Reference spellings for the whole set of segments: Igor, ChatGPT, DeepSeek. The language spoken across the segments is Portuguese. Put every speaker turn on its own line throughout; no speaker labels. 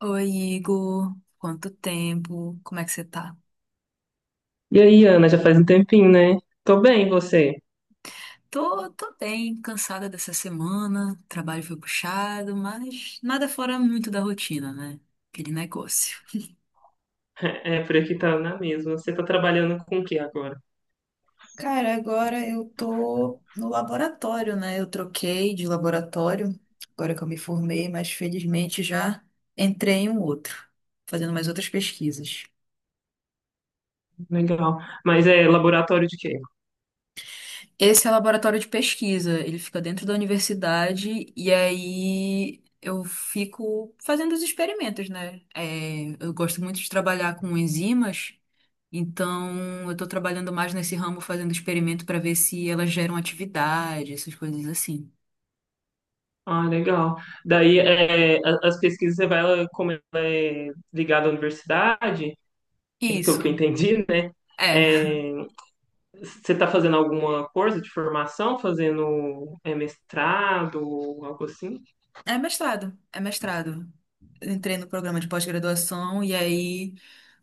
Oi, Igor. Quanto tempo? Como é que você tá?
E aí, Ana, já faz um tempinho, né? Tô bem, e você?
Tô bem, cansada dessa semana. O trabalho foi puxado, mas nada fora muito da rotina, né? Aquele negócio.
É, por aqui tá na mesma. Você tá trabalhando com o que agora?
Cara, agora eu tô no laboratório, né? Eu troquei de laboratório, agora que eu me formei, mas felizmente já entrei em um outro, fazendo mais outras pesquisas.
Legal. Mas é laboratório de quê?
Esse é o laboratório de pesquisa, ele fica dentro da universidade e aí eu fico fazendo os experimentos, né? É, eu gosto muito de trabalhar com enzimas, então eu estou trabalhando mais nesse ramo fazendo experimento para ver se elas geram atividade, essas coisas assim.
Ah, legal. Daí, as pesquisas, como ela é ligada à universidade, pelo
Isso.
que eu entendi, né?
É.
É, Você tá fazendo alguma coisa de formação? Fazendo mestrado, algo assim?
É mestrado, é mestrado. Eu entrei no programa de pós-graduação e aí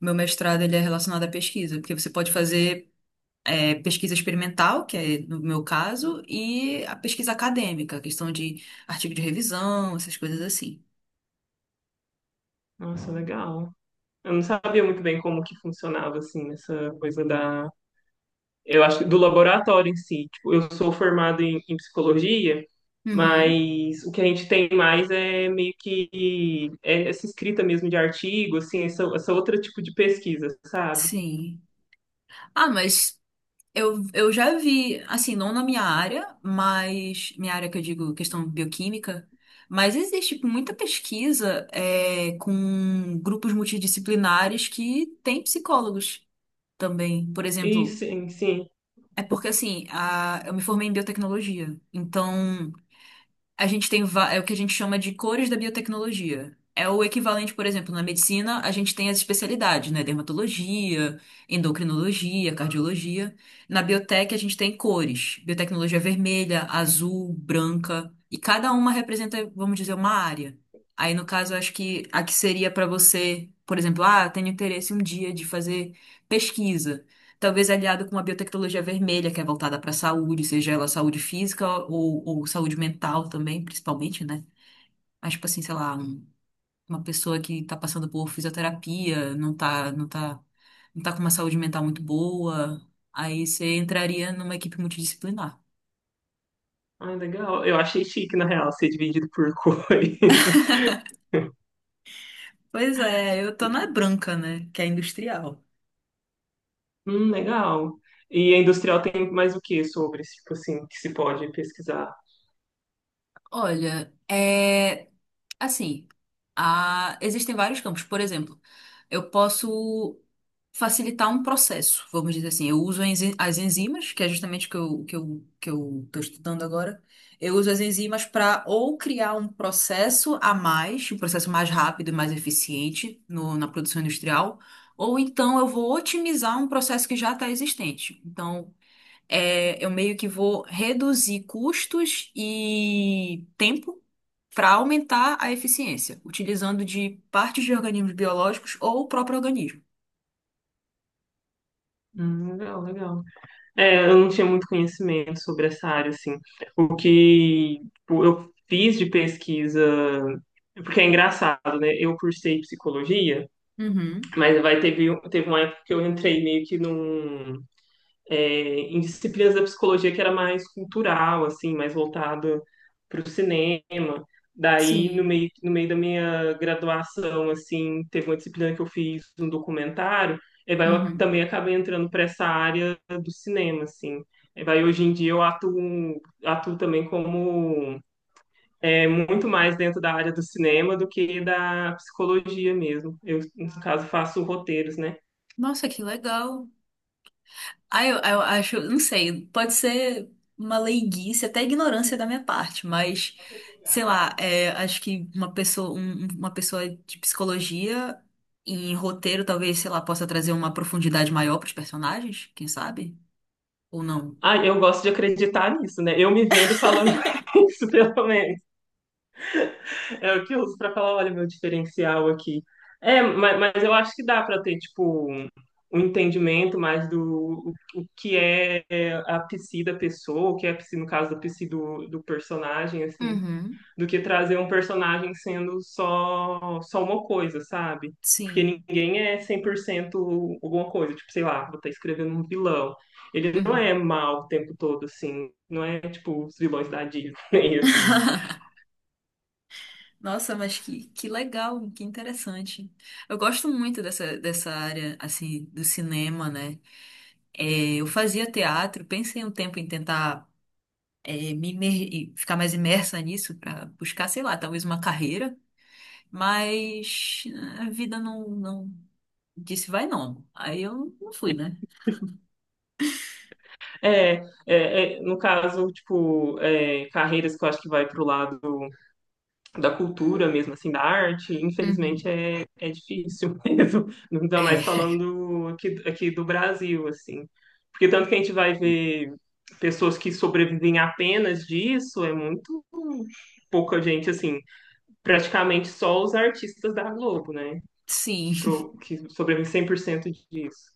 meu mestrado ele é relacionado à pesquisa, porque você pode fazer pesquisa experimental, que é no meu caso, e a pesquisa acadêmica, a questão de artigo de revisão, essas coisas assim.
Nossa, legal. Eu não sabia muito bem como que funcionava, assim, essa coisa. Eu acho que do laboratório em si. Tipo, eu sou formado em psicologia,
Uhum,
mas o que a gente tem mais é meio que é essa escrita mesmo de artigo, assim, essa outra tipo de pesquisa, sabe?
sim. Ah, mas eu já vi, assim, não na minha área, mas minha área que eu digo questão bioquímica, mas existe tipo, muita pesquisa com grupos multidisciplinares que têm psicólogos também. Por
E
exemplo,
sim, sim.
é porque assim, eu me formei em biotecnologia, então. A gente tem é o que a gente chama de cores da biotecnologia. É o equivalente, por exemplo, na medicina, a gente tem as especialidades, né? Dermatologia, endocrinologia, cardiologia. Na biotec, a gente tem cores. Biotecnologia vermelha, azul, branca. E cada uma representa, vamos dizer, uma área. Aí, no caso, eu acho que a que seria para você, por exemplo, ah, tenho interesse um dia de fazer pesquisa talvez aliado com a biotecnologia vermelha, que é voltada para a saúde, seja ela saúde física ou saúde mental também, principalmente, né? Mas, tipo assim, sei lá, uma pessoa que está passando por fisioterapia, não tá com uma saúde mental muito boa, aí você entraria numa equipe multidisciplinar.
Ah, legal. Eu achei chique, na real, ser dividido por cores.
Pois é, eu tô na branca, né? Que é industrial.
Legal. E a industrial tem mais o que sobre, tipo assim, que se pode pesquisar?
Olha, assim, existem vários campos. Por exemplo, eu posso facilitar um processo, vamos dizer assim. Eu uso as enzimas, que é justamente o que eu estou estudando agora. Eu uso as enzimas para ou criar um processo a mais, um processo mais rápido e mais eficiente na produção industrial, ou então eu vou otimizar um processo que já está existente. Então, eu meio que vou reduzir custos e tempo para aumentar a eficiência, utilizando de partes de organismos biológicos ou o próprio organismo.
Legal, legal. É, eu não tinha muito conhecimento sobre essa área, assim. O que tipo, eu fiz de pesquisa, porque é engraçado, né? Eu cursei psicologia,
Uhum,
mas teve uma época que eu entrei meio que num em disciplinas da psicologia que era mais cultural, assim, mais voltada para o cinema. Daí,
sim.
no meio da minha graduação, assim, teve uma disciplina que eu fiz um documentário, e eu
Uhum.
também acabei entrando para essa área do cinema, assim. E hoje em dia atuo também como muito mais dentro da área do cinema do que da psicologia mesmo. Eu, no caso, faço roteiros, né?
Nossa, que legal. Ah, eu acho, não sei, pode ser uma leiguice, até ignorância da minha parte, mas sei lá, acho que uma pessoa, uma pessoa de psicologia em roteiro, talvez, sei lá, possa trazer uma profundidade maior para os personagens, quem sabe? Ou não?
Ah, eu gosto de acreditar nisso, né? Eu me vendo falando isso, pelo menos. É o que eu uso pra falar, olha, meu diferencial aqui. É, mas eu acho que dá pra ter, tipo, um entendimento mais do o que é a psi da pessoa, o que é a psi, no caso, da psi do, do personagem, assim,
Uhum,
do que trazer um personagem sendo só uma coisa, sabe? Porque
sim.
ninguém é 100% alguma coisa, tipo, sei lá, vou estar escrevendo um vilão. Ele não é
Uhum.
mal o tempo todo, assim, não é, tipo, os vilões da Disney, assim.
Nossa, mas que legal, que interessante. Eu gosto muito dessa área, assim, do cinema, né? É, eu fazia teatro, pensei um tempo em tentar e ficar mais imersa nisso para buscar, sei lá, talvez uma carreira, mas a vida não disse vai não. Aí eu não fui, né?
É, no caso, tipo, carreiras que eu acho que vai pro lado da cultura mesmo, assim, da arte, infelizmente
Uhum.
é difícil mesmo, ainda mais
É,
falando aqui do Brasil, assim. Porque tanto que a gente vai ver pessoas que sobrevivem apenas disso, é muito pouca gente, assim, praticamente só os artistas da Globo, né? Que,
sim.
que sobrevivem 100% disso.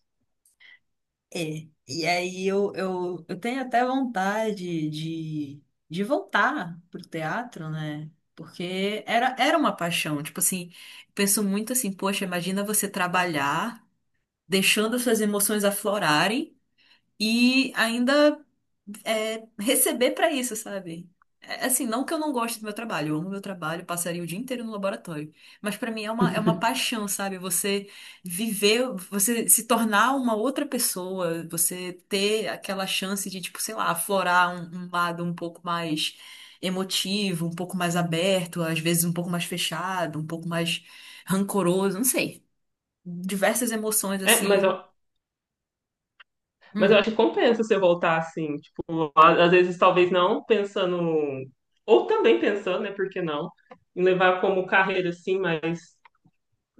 É, e aí eu tenho até vontade de voltar pro teatro, né? Porque era uma paixão. Tipo assim, penso muito assim, poxa, imagina você trabalhar, deixando suas emoções aflorarem e ainda receber pra isso, sabe? É, assim, não que eu não goste do meu trabalho, eu amo meu trabalho, passaria o dia inteiro no laboratório, mas pra mim é uma, paixão, sabe? Você viver, você se tornar uma outra pessoa, você ter aquela chance de, tipo, sei lá, aflorar um lado um pouco mais emotivo, um pouco mais aberto, às vezes um pouco mais fechado, um pouco mais rancoroso, não sei. Diversas emoções
É, mas
assim.
Mas eu
Hum.
acho que compensa você voltar assim, tipo, às vezes talvez não pensando, ou também pensando, né, por que não, em levar como carreira assim, mas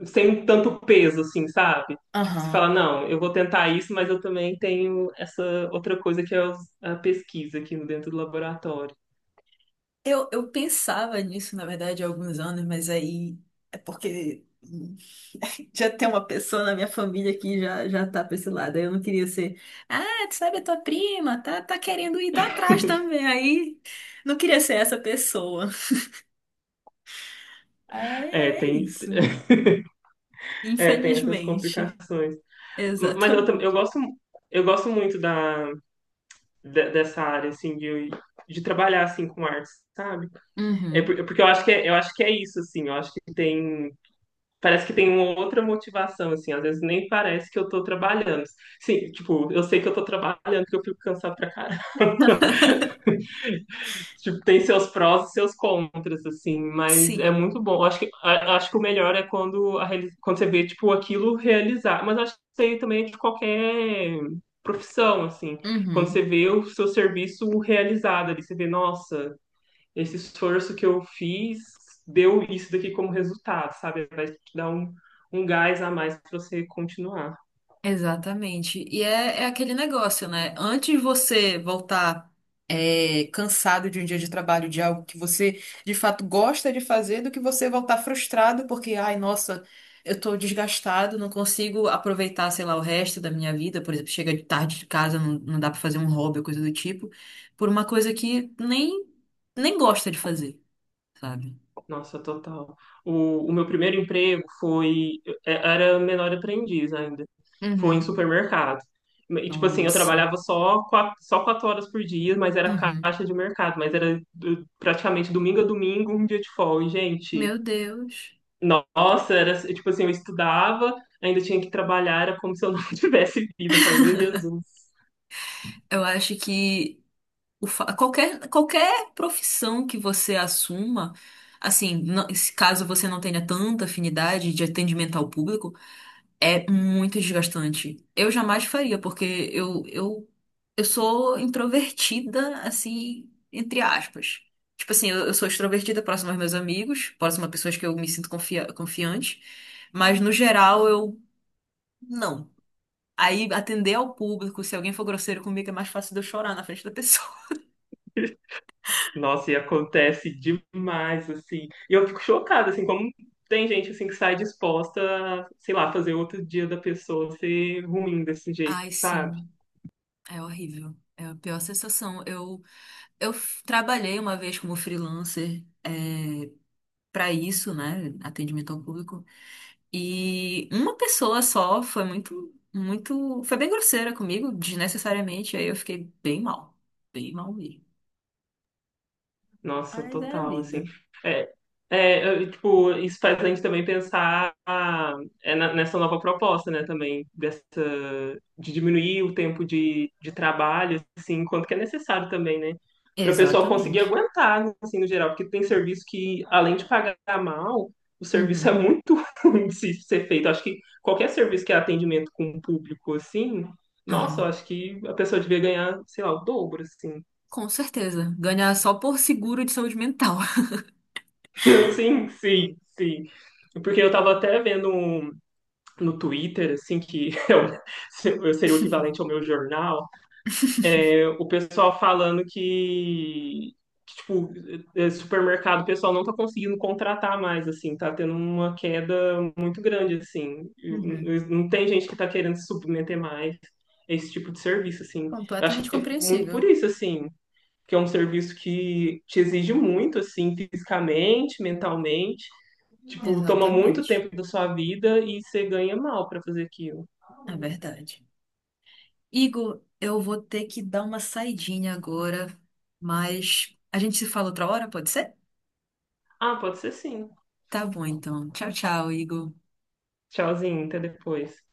sem tanto peso assim, sabe? Tipo, você fala,
Aham.
não, eu vou tentar isso, mas eu também tenho essa outra coisa que é a pesquisa aqui dentro do laboratório.
Eu pensava nisso, na verdade, há alguns anos, mas aí é porque já tem uma pessoa na minha família que já tá pra esse lado. Aí eu não queria ser, ah, tu sabe, a tua prima tá querendo ir tá atrás também. Aí não queria ser essa pessoa. É,
É,
é
tem,
isso.
Tem essas
Infelizmente.
complicações. Mas eu,
Exatamente.
eu gosto muito dessa área assim de trabalhar assim com artes, sabe?
Uhum.
Porque eu acho que é, eu acho que é isso, assim, eu acho que tem, parece que tem uma outra motivação, assim, às vezes nem parece que eu tô trabalhando. Sim, tipo, eu sei que eu tô trabalhando, que eu fico cansado pra caralho. Tipo, tem seus prós e seus contras, assim, mas é
Sim.
muito bom. Eu acho que, acho que o melhor é quando, quando você vê, tipo, aquilo realizar. Mas acho que isso aí também é de qualquer profissão, assim, quando você
Uhum.
vê o seu serviço realizado ali, você vê, nossa, esse esforço que eu fiz deu isso daqui como resultado, sabe? Vai te dar um, um gás a mais para você continuar.
Exatamente. E é aquele negócio, né? Antes de você voltar cansado de um dia de trabalho, de algo que você de fato gosta de fazer, do que você voltar frustrado porque, ai, nossa, eu tô desgastado, não consigo aproveitar, sei lá, o resto da minha vida. Por exemplo, chega de tarde de casa, não dá pra fazer um hobby ou coisa do tipo, por uma coisa que nem gosta de fazer, sabe?
Nossa, total. O meu primeiro emprego foi. Era menor aprendiz ainda. Foi em
Uhum.
supermercado. E, tipo assim, eu
Nossa.
trabalhava só quatro horas por dia, mas era
Uhum.
caixa de mercado. Mas era praticamente domingo a domingo, um dia de folga. E, gente,
Meu Deus.
nossa, era tipo assim, eu estudava, ainda tinha que trabalhar, era como se eu não tivesse vida. Eu falei, meu Jesus.
Eu acho que. Qualquer profissão que você assuma, assim, se caso você não tenha tanta afinidade de atendimento ao público, é muito desgastante. Eu jamais faria, porque eu sou introvertida, assim, entre aspas. Tipo assim, eu sou extrovertida próxima aos meus amigos, próxima a pessoas que eu me sinto confiante, mas no geral eu não. Aí atender ao público, se alguém for grosseiro comigo, é mais fácil de eu chorar na frente da pessoa.
Nossa, e acontece demais, assim. E eu fico chocada, assim, como tem gente, assim, que sai disposta a, sei lá, fazer outro dia da pessoa ser ruim desse jeito,
Ai,
sabe?
sim. É horrível. É a pior sensação. Eu trabalhei uma vez como freelancer, para isso, né? Atendimento ao público. E uma pessoa só foi muito, muito. Foi bem grosseira comigo, desnecessariamente. Aí eu fiquei bem mal. Bem mal mesmo.
Nossa,
Mas é a
total, assim.
vida.
É, eu, tipo, isso faz a gente também pensar ah, é nessa nova proposta, né, também, dessa, de diminuir o tempo de trabalho, assim, quanto que é necessário também, né, para o pessoal conseguir
Exatamente.
aguentar, assim, no geral, porque tem serviço que, além de pagar mal, o serviço é
Uhum.
muito ruim de se ser feito. Acho que qualquer serviço que é atendimento com o público, assim, nossa, eu
Aham.
acho que a pessoa devia ganhar, sei lá, o dobro, assim.
Com certeza. Ganhar só por seguro de saúde mental.
Sim, sim, sim. Porque eu tava até vendo no Twitter, assim, que eu seria o equivalente ao meu jornal, o pessoal falando que, tipo, supermercado, o pessoal não tá conseguindo contratar mais, assim, tá tendo uma queda muito grande, assim.
Uhum.
Não tem gente que tá querendo se submeter mais a esse tipo de serviço, assim. Eu acho
Completamente
que é muito
compreensível.
por isso, assim, que é um serviço que te exige muito, assim, fisicamente, mentalmente. Tipo, toma muito
Exatamente.
tempo da sua vida e você ganha mal pra fazer aquilo.
É verdade. Igor, eu vou ter que dar uma saidinha agora, mas a gente se fala outra hora, pode ser?
Ah, pode ser sim.
Tá bom, então. Tchau, tchau, Igor.
Tchauzinho, até depois.